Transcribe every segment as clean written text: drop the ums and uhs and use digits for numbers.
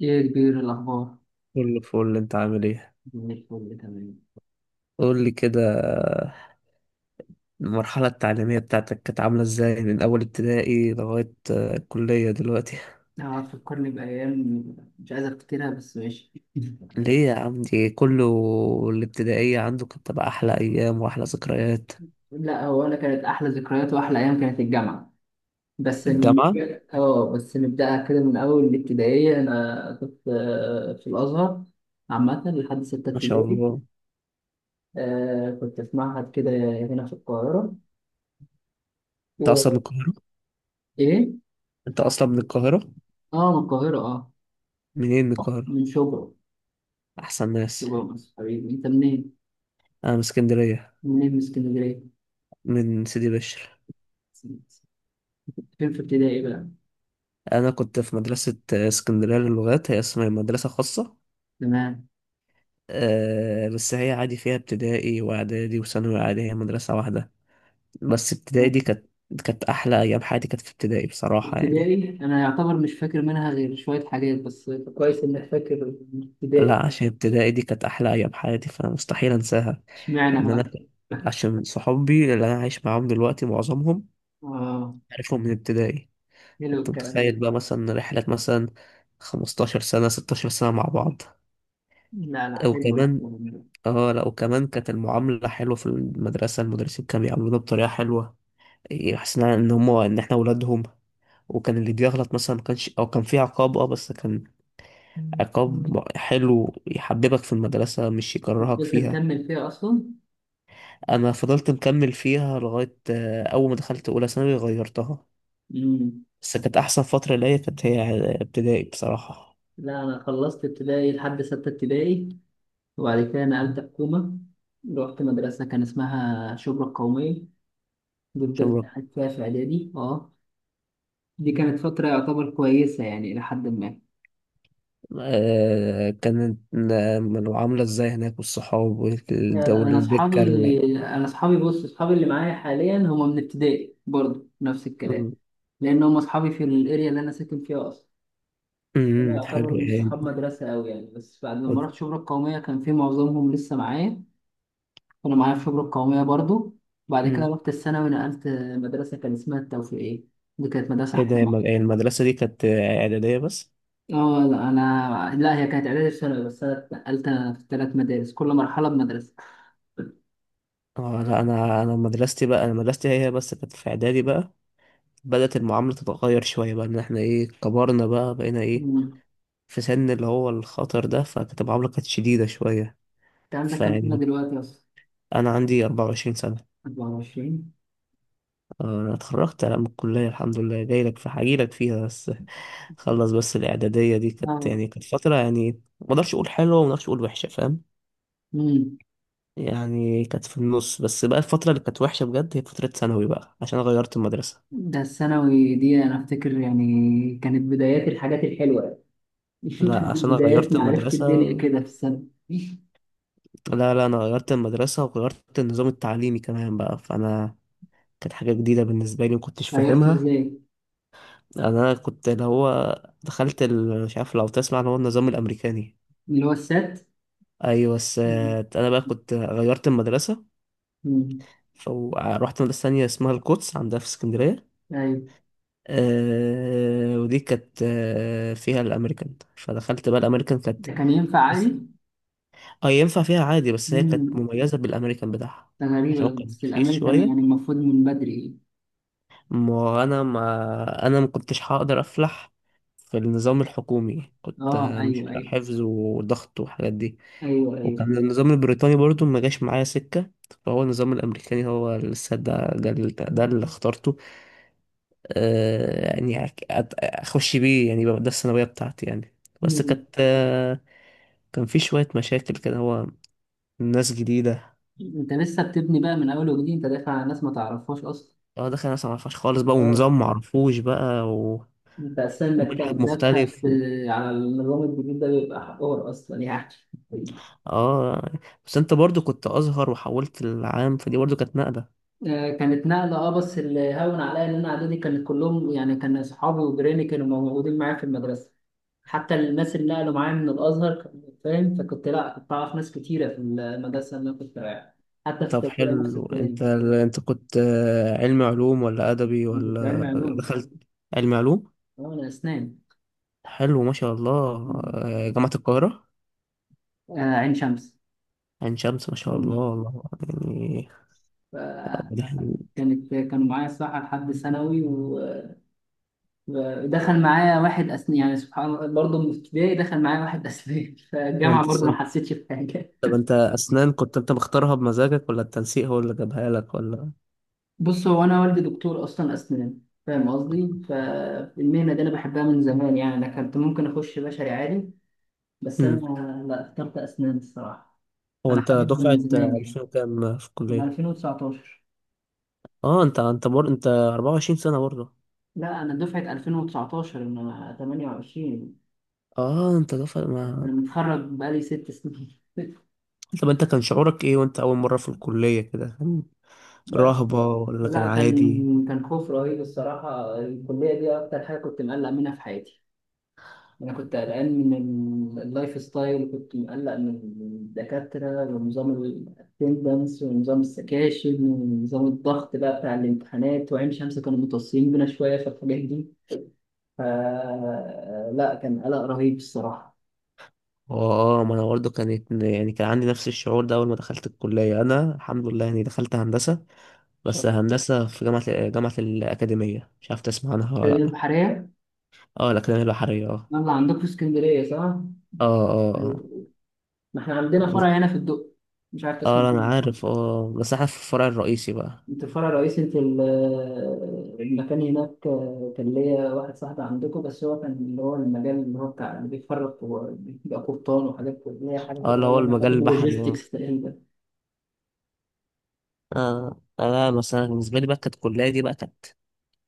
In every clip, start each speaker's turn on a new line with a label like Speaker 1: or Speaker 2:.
Speaker 1: ايه يا كبير، الاخبار؟
Speaker 2: كله فل، انت عامل ايه؟
Speaker 1: زي الفل، تمام.
Speaker 2: قول لي كده. المرحلة التعليمية بتاعتك كانت عاملة ازاي من أول ابتدائي لغاية الكلية دلوقتي؟
Speaker 1: اه، تفكرني بايام. مش عايز افتكرها، بس ماشي.
Speaker 2: ليه يا عم دي كله؟ الابتدائية عنده كانت تبقى أحلى أيام وأحلى ذكريات.
Speaker 1: لا، هو انا كانت احلى ذكريات واحلى ايام كانت الجامعه. بس ن-
Speaker 2: الجامعة.
Speaker 1: اه، بس نبداها كده من اول الابتدائيه. انا كنت في الازهر عامه لحد سته
Speaker 2: ما شاء
Speaker 1: ابتدائي.
Speaker 2: الله.
Speaker 1: كنت في معهد كده، هنا في القاهره.
Speaker 2: أنت أصلا من
Speaker 1: و...
Speaker 2: القاهرة؟
Speaker 1: ايه.
Speaker 2: أنت أصلا من القاهرة؟
Speaker 1: اه، من القاهره، اه.
Speaker 2: منين من القاهرة؟
Speaker 1: من شبرا.
Speaker 2: أحسن ناس.
Speaker 1: شبرا مصر. حبيبي، انت منين؟
Speaker 2: أنا من اسكندرية.
Speaker 1: منين من اسكندريه؟
Speaker 2: من سيدي بشر.
Speaker 1: فين في ابتدائي بقى؟
Speaker 2: أنا كنت في مدرسة اسكندرية للغات، هي اسمها مدرسة خاصة.
Speaker 1: تمام.
Speaker 2: بس هي عادي فيها ابتدائي واعدادي وثانوي عادي، هي مدرسة واحدة. بس ابتدائي دي كانت احلى ايام حياتي، كانت في ابتدائي بصراحة يعني.
Speaker 1: ابتدائي انا يعتبر مش فاكر منها غير شويه حاجات، بس كويس انك فاكر ابتدائي.
Speaker 2: لا عشان ابتدائي دي كانت احلى ايام حياتي فمستحيل انساها.
Speaker 1: اشمعنى
Speaker 2: ان انا
Speaker 1: بقى؟
Speaker 2: عشان صحابي اللي انا عايش معاهم دلوقتي معظمهم
Speaker 1: اه.
Speaker 2: عارفهم من ابتدائي.
Speaker 1: حلو
Speaker 2: كنت
Speaker 1: الكلام ده.
Speaker 2: متخيل بقى مثلا رحلة مثلا 15 سنة 16 سنة مع بعض.
Speaker 1: لا لا، حلو
Speaker 2: وكمان
Speaker 1: الكلام ده.
Speaker 2: اه لا وكمان كانت المعاملة حلوة في المدرسة، المدرسين كانوا بيعاملونا بطريقة حلوة. حسينا ان هم ان احنا ولادهم. وكان اللي بيغلط مثلا ما كانش او كان في عقاب، بس كان عقاب حلو يحببك في المدرسة مش يكرهك
Speaker 1: فضلت
Speaker 2: فيها.
Speaker 1: مكمل فيها اصلا.
Speaker 2: انا فضلت مكمل فيها لغاية اول ما دخلت اولى ثانوي غيرتها.
Speaker 1: مم.
Speaker 2: بس كانت احسن فترة ليا كانت هي ابتدائي بصراحة.
Speaker 1: لا، انا خلصت ابتدائي لحد سته ابتدائي. وبعد كده نقلت حكومه. رحت مدرسه كان اسمها شبرا القوميه دي. فضلت
Speaker 2: عشان
Speaker 1: قاعد فيها في اعدادي، اه. دي كانت فتره يعتبر كويسه يعني الى حد ما.
Speaker 2: كانت العاملة ازاي هناك والصحاب والدولة
Speaker 1: انا
Speaker 2: الدكة
Speaker 1: اصحابي انا اصحابي، بص، اصحابي اللي معايا حاليا هم من ابتدائي برضه، نفس الكلام.
Speaker 2: مم.
Speaker 1: لان هم اصحابي في الاريا اللي انا ساكن فيها اصلا. هم
Speaker 2: مم، حلو
Speaker 1: يعتبروا مش
Speaker 2: يعني.
Speaker 1: صحاب مدرسه قوي يعني، بس بعد ما رحت شبرا القوميه كان في معظمهم لسه معايا. كانوا معايا في شبرا القوميه برضه. وبعد كده
Speaker 2: مم.
Speaker 1: رحت الثانوي، نقلت مدرسه كان اسمها التوفيقيه. دي كانت مدرسه
Speaker 2: ايه ده يا
Speaker 1: حكومه.
Speaker 2: المدرسة دي كانت إعدادية بس؟
Speaker 1: اه، لا، انا لا هي كانت اعدادي في ثانوي، بس انا اتنقلت في ثلاث مدارس، كل مرحله بمدرسه.
Speaker 2: اه لا انا مدرستي بقى انا مدرستي هي هي بس كانت في اعدادي بقى. بدأت المعاملة تتغير شوية بقى، ان احنا ايه، كبرنا بقى، بقينا ايه.
Speaker 1: مم.
Speaker 2: في سن اللي هو الخطر ده فكانت المعاملة كانت شديدة شوية.
Speaker 1: انت عندك كام سنه
Speaker 2: فيعني
Speaker 1: دلوقتي اصلا؟
Speaker 2: انا عندي 24 سنة.
Speaker 1: 24.
Speaker 2: اه انا اتخرجت انا من الكلية الحمد لله، جاي لك في هجيلك فيها بس. خلص بس الاعدادية دي كانت يعني كانت فترة يعني ما اقدرش اقول حلوة وما اقدرش اقول وحشة فاهم.
Speaker 1: مم.
Speaker 2: يعني كانت في النص، بس بقى الفترة اللي كانت وحشة بجد هي فترة ثانوي بقى عشان أنا غيرت المدرسة.
Speaker 1: ده الثانوي دي انا افتكر يعني كانت بدايات الحاجات الحلوه.
Speaker 2: لا
Speaker 1: كانت
Speaker 2: عشان انا
Speaker 1: بدايات
Speaker 2: غيرت
Speaker 1: معرفه
Speaker 2: المدرسة.
Speaker 1: الدنيا كده في السنه.
Speaker 2: لا لا انا غيرت المدرسة وغيرت النظام التعليمي كمان بقى فانا كانت حاجة جديدة بالنسبة لي ومكنتش
Speaker 1: غيرته
Speaker 2: فاهمها.
Speaker 1: ازاي؟
Speaker 2: انا كنت اللي هو دخلت مش عارف لو تسمع اللي هو النظام الامريكاني.
Speaker 1: اللي هو السات.
Speaker 2: ايوه بس
Speaker 1: مم.
Speaker 2: انا بقى كنت غيرت المدرسة.
Speaker 1: مم.
Speaker 2: فروحت مدرسة تانية اسمها القدس عندها في اسكندرية.
Speaker 1: ايوه.
Speaker 2: أه ودي كانت فيها الامريكان، فدخلت بقى الامريكان كانت
Speaker 1: ده كان ينفع
Speaker 2: بس.
Speaker 1: عادي؟
Speaker 2: اه ينفع فيها عادي، بس هي كانت
Speaker 1: مم.
Speaker 2: مميزة بالامريكان بتاعها.
Speaker 1: ده
Speaker 2: عشان
Speaker 1: غريبه،
Speaker 2: هو كان
Speaker 1: بس
Speaker 2: رخيص
Speaker 1: الامريكان يعني
Speaker 2: شوية.
Speaker 1: المفروض من بدري.
Speaker 2: ما كنتش هقدر افلح في النظام الحكومي، كنت
Speaker 1: اه،
Speaker 2: مش
Speaker 1: ايوه
Speaker 2: بتاع
Speaker 1: ايوه.
Speaker 2: حفظ وضغط والحاجات دي.
Speaker 1: ايوه ايوه.
Speaker 2: وكان النظام البريطاني برضو ما جاش معايا سكة. فهو النظام الامريكاني هو لسه ده اللي اخترته. آه يعني اخش بيه يعني يبقى ده الثانوية بتاعتي يعني. بس كانت
Speaker 1: مم.
Speaker 2: كان في شوية مشاكل كده، هو ناس جديدة.
Speaker 1: انت لسه بتبني بقى من اول وجديد، انت داخل على ناس ما تعرفهاش اصلا.
Speaker 2: اه دخل ناس معرفهاش خالص بقى ونظام معرفوش بقى و...
Speaker 1: بس انك
Speaker 2: ومنهج
Speaker 1: تأدبت.
Speaker 2: مختلف.
Speaker 1: على النظام الجديد ده بيبقى حوار اصلا يعني.
Speaker 2: اه بس انت برضو كنت ازهر وحولت العام فدي برضو كانت نقلة.
Speaker 1: كانت نقلة، اه. بس اللي هون عليا ان انا اعدادي كانت كلهم يعني، كان اصحابي وجيراني كانوا موجودين معايا في المدرسة. حتى الناس اللي نقلوا معايا من الازهر كانوا، فاهم؟ فكنت لا، كنت اعرف ناس كتيرة في المدرسة اللي انا كنت رايحها. حتى في
Speaker 2: طب
Speaker 1: التربية نفس
Speaker 2: حلو، انت
Speaker 1: الكلام.
Speaker 2: انت كنت علم علوم ولا ادبي
Speaker 1: انا كنت علمي
Speaker 2: ولا؟
Speaker 1: علوم.
Speaker 2: دخلت علم علوم.
Speaker 1: اه، انا اسنان.
Speaker 2: حلو ما شاء الله.
Speaker 1: مم.
Speaker 2: جامعة القاهرة؟
Speaker 1: آه، عين شمس.
Speaker 2: عين شمس ما شاء الله
Speaker 1: مم.
Speaker 2: والله.
Speaker 1: ف-
Speaker 2: يعني.
Speaker 1: كانوا معايا الصراحة لحد ثانوي، و دخل معايا واحد أسنان، يعني سبحان الله، برضه من ابتدائي دخل معايا واحد أسنان.
Speaker 2: طب
Speaker 1: فالجامعة
Speaker 2: انت
Speaker 1: برضه ما حسيتش بحاجة.
Speaker 2: طب انت اسنان كنت انت مختارها بمزاجك ولا التنسيق هو اللي جابها لك ولا؟
Speaker 1: بص، هو أنا والدي دكتور أصلا أسنان، فاهم قصدي؟ فالمهنة دي أنا بحبها من زمان يعني. أنا كنت ممكن أخش بشري عادي، بس أنا،
Speaker 2: امم.
Speaker 1: لا، اخترت أسنان الصراحة.
Speaker 2: هو
Speaker 1: أنا
Speaker 2: انت
Speaker 1: حاببها من
Speaker 2: دفعة
Speaker 1: زمان يعني،
Speaker 2: 2000 كام في
Speaker 1: من
Speaker 2: الكلية؟
Speaker 1: 2019.
Speaker 2: اه انت 24 سنة برضه؟
Speaker 1: لا، أنا دفعة 2019، أنا 28.
Speaker 2: اه انت دفعة ما.
Speaker 1: أنا متخرج بقالي ست سنين.
Speaker 2: طب انت كان شعورك ايه وانت اول مرة في الكلية كده، كان
Speaker 1: لا
Speaker 2: رهبة ولا كان
Speaker 1: لا،
Speaker 2: عادي؟
Speaker 1: كان خوف رهيب الصراحة. الكلية دي أكتر حاجة كنت مقلق منها في حياتي. أنا كنت قلقان من اللايف ستايل، كنت مقلق من الدكاترة ونظام الاتندنس ونظام السكاشن ونظام الضغط بقى بتاع الامتحانات، وعين شمس كانوا متوصيين بينا شوية في الحاجات دي. ف لا، كان قلق رهيب الصراحة.
Speaker 2: اه ما انا برضه كانت يعني كان عندي نفس الشعور ده اول ما دخلت الكلية، انا الحمد لله يعني دخلت هندسة. بس
Speaker 1: شغل.
Speaker 2: هندسة في جامعة الأكاديمية، مش عارف تسمع عنها ولا لأ؟
Speaker 1: البحرية.
Speaker 2: اه الأكاديمية البحرية اه.
Speaker 1: يلا، عندكم في اسكندرية، صح؟
Speaker 2: اه. اه.
Speaker 1: ما احنا عندنا فرع
Speaker 2: اه.
Speaker 1: هنا في الدق، مش عارف تسمع
Speaker 2: اه. انا
Speaker 1: عنه.
Speaker 2: عارف اه، بس احنا في الفرع الرئيسي بقى.
Speaker 1: انت في فرع رئيسي، انت المكان هناك كان ليا واحد صاحبي عندكم، بس هو كان اللي هو المجال اللي هو بتاع اللي بيتفرج وبيبقى قبطان وحاجات كده، اللي هي حاجات
Speaker 2: اه اللي
Speaker 1: اللي هي
Speaker 2: هو
Speaker 1: لها علاقة
Speaker 2: المجال البحري اه.
Speaker 1: باللوجيستكس تقريبا.
Speaker 2: انا مثلا بالنسبة لي بقى كانت الكلية دي بقى كانت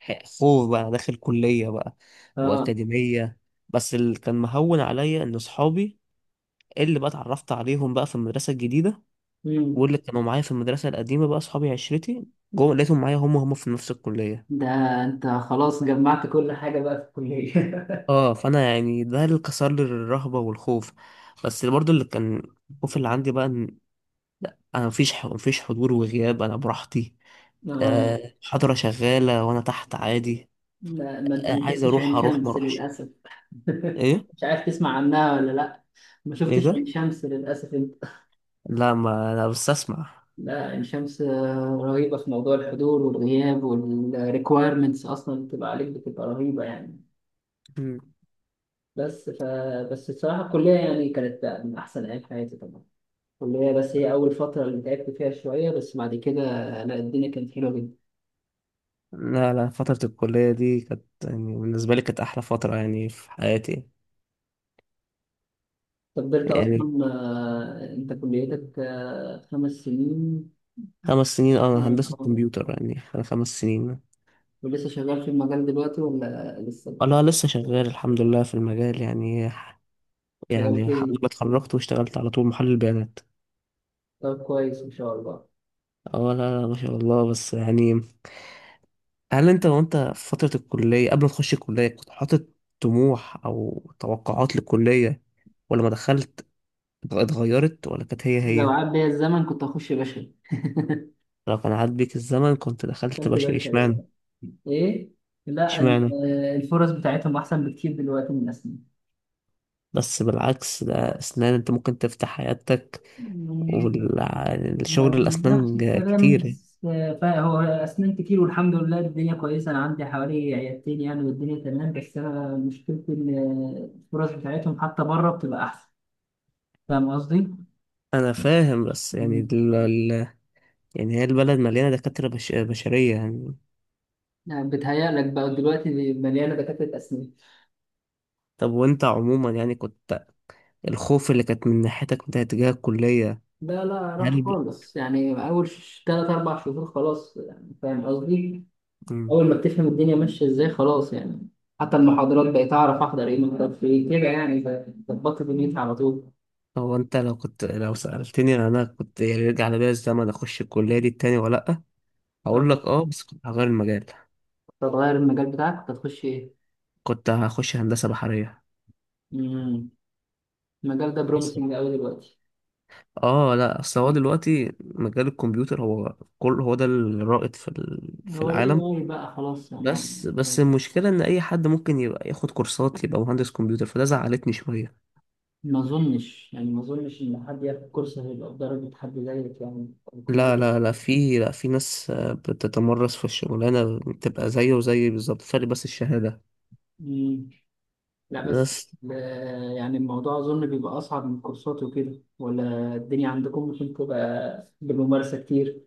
Speaker 2: حقوق بقى داخل كلية بقى
Speaker 1: اه.
Speaker 2: وأكاديمية. بس اللي كان مهون عليا إن صحابي اللي بقى اتعرفت عليهم بقى في المدرسة الجديدة،
Speaker 1: مم.
Speaker 2: واللي كانوا معايا في المدرسة القديمة بقى صحابي عشرتي، جوه لقيتهم معايا هم في نفس الكلية.
Speaker 1: ده انت خلاص جمعت كل حاجة بقى في الكلية.
Speaker 2: اه فأنا يعني ده اللي كسر لي الرهبة والخوف. بس اللي برضه اللي كان الخوف اللي عندي بقى إن أنا مفيش مفيش حضور وغياب، أنا براحتي.
Speaker 1: اه.
Speaker 2: محاضرة شغالة وأنا تحت عادي.
Speaker 1: لا، ما انت ما
Speaker 2: عايز
Speaker 1: شفتش
Speaker 2: أروح
Speaker 1: عين
Speaker 2: أروح ما
Speaker 1: شمس
Speaker 2: أروحش.
Speaker 1: للأسف.
Speaker 2: إيه.
Speaker 1: مش عارف تسمع عنها ولا لا؟ ما
Speaker 2: إيه
Speaker 1: شفتش
Speaker 2: ده؟
Speaker 1: عين شمس للأسف انت.
Speaker 2: لا ما أنا بس أسمع.
Speaker 1: لا، الشمس رهيبة في موضوع الحضور والغياب والريكويرمنتس، أصلا اللي بتبقى عليك بتبقى رهيبة يعني.
Speaker 2: مم.
Speaker 1: بس ف بس الصراحة الكلية يعني كانت من أحسن أيام حياتي طبعا. الكلية بس هي أول فترة اللي تعبت فيها شوية، بس بعد كده لا، الدنيا كانت حلوة جدا.
Speaker 2: لا لا فترة الكلية دي كانت يعني بالنسبة لي كانت أحلى فترة يعني في حياتي.
Speaker 1: أنت فضلت
Speaker 2: يعني
Speaker 1: أصلا أنت كليتك خمس سنين.
Speaker 2: خمس سنين،
Speaker 1: أهو
Speaker 2: أنا هندسة
Speaker 1: أهو.
Speaker 2: كمبيوتر يعني خمس سنين.
Speaker 1: ولسه شغال في المجال دلوقتي ولا لسه؟
Speaker 2: أنا لسه شغال الحمد لله في المجال يعني.
Speaker 1: شغال
Speaker 2: يعني الحمد لله
Speaker 1: فين؟
Speaker 2: اتخرجت واشتغلت على طول محلل بيانات.
Speaker 1: طب كويس إن شاء الله.
Speaker 2: اه لا لا ما شاء الله بس يعني. هل أنت وأنت في فترة الكلية قبل ما تخش الكلية كنت حاطط طموح أو توقعات للكلية، ولما دخلت اتغيرت ولا كانت هي
Speaker 1: لو
Speaker 2: هي؟
Speaker 1: عاد بيا الزمن كنت هخش بشري.
Speaker 2: لو كان عاد بيك الزمن كنت دخلت
Speaker 1: خدت
Speaker 2: بشري،
Speaker 1: بالك،
Speaker 2: اشمعنى؟
Speaker 1: أيوة. ايه. لا
Speaker 2: اشمعنى؟
Speaker 1: الفرص بتاعتهم احسن بكتير دلوقتي من اسنان.
Speaker 2: بس بالعكس ده اسنان انت ممكن تفتح حياتك،
Speaker 1: يعني
Speaker 2: والشغل
Speaker 1: نفس
Speaker 2: الاسنان
Speaker 1: الكلام،
Speaker 2: كتير.
Speaker 1: بس فهو اسنان كتير، والحمد لله الدنيا كويسه، انا عندي حوالي عيادتين يعني، والدنيا تمام. بس انا مشكلتي ان الفرص بتاعتهم حتى بره بتبقى احسن. فاهم قصدي؟
Speaker 2: انا فاهم بس يعني
Speaker 1: مم.
Speaker 2: يعني هي البلد مليانه دكاتره بشريه يعني.
Speaker 1: يعني بتهيألك بقى دلوقتي مليانه دكاتره اسنان.
Speaker 2: طب وانت عموما يعني كنت الخوف اللي كانت من ناحيتك من تجاه الكليه،
Speaker 1: لا لا،
Speaker 2: هل
Speaker 1: راح
Speaker 2: ب...
Speaker 1: خالص يعني. اول ثلاث اربع شهور خلاص يعني، فاهم قصدي؟
Speaker 2: مم.
Speaker 1: اول ما بتفهم الدنيا ماشيه ازاي خلاص يعني، حتى المحاضرات بقيت اعرف احضر ايه محضر في ايه كده يعني. ظبطت دنيتي على طول.
Speaker 2: هو انت لو سالتني انا كنت يعني يرجع ليا الزمن اخش الكليه دي تاني ولا لا؟ هقول لك
Speaker 1: آه،
Speaker 2: اه بس كنت هغير المجال.
Speaker 1: كنت هتغير المجال بتاعك، كنت هتخش ايه؟
Speaker 2: كنت هخش هندسه بحريه.
Speaker 1: امم. المجال ده بروميسنج قوي دلوقتي.
Speaker 2: اه لا اصل هو
Speaker 1: مم.
Speaker 2: دلوقتي مجال الكمبيوتر هو كل هو ده الرائد في في
Speaker 1: هو ليه
Speaker 2: العالم.
Speaker 1: غالي بقى خلاص يعني.
Speaker 2: بس
Speaker 1: هو-
Speaker 2: بس المشكله ان اي حد ممكن يبقى ياخد كورسات يبقى مهندس كمبيوتر فده زعلتني شويه.
Speaker 1: ما اظنش يعني ما اظنش ان حد ياخد كورس هيبقى بدرجه حد زيك يعني، أو يكون
Speaker 2: لا لا لا، في، لا في ناس بتتمرس في الشغلانه بتبقى زيه وزي بالظبط، فرق بس الشهاده.
Speaker 1: مم. لا بس،
Speaker 2: بس
Speaker 1: لا، يعني الموضوع اظن بيبقى اصعب من كورسات وكده، ولا الدنيا عندكم ممكن تبقى بالممارسه كتير؟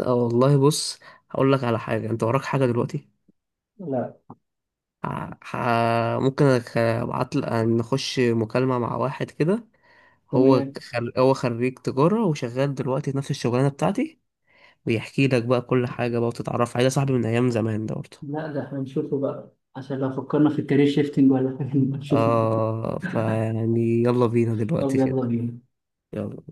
Speaker 2: اه والله بص، هقول لك على حاجه. انت وراك حاجه دلوقتي؟
Speaker 1: لا.
Speaker 2: ممكن ابعت لك نخش مكالمه مع واحد كده.
Speaker 1: تمام.
Speaker 2: هو خريج تجارة وشغال دلوقتي في نفس الشغلانة بتاعتي، بيحكي لك بقى كل حاجة بقى وتتعرف عليه، ده صاحبي من أيام زمان ده برضه.
Speaker 1: لا، ده هنشوفه بقى عشان لو فكرنا في الكارير شيفتنج ولا حاجة نبقى نشوف.
Speaker 2: آه فيعني يلا بينا
Speaker 1: طب
Speaker 2: دلوقتي
Speaker 1: يلا
Speaker 2: كده.
Speaker 1: بينا.
Speaker 2: يلا.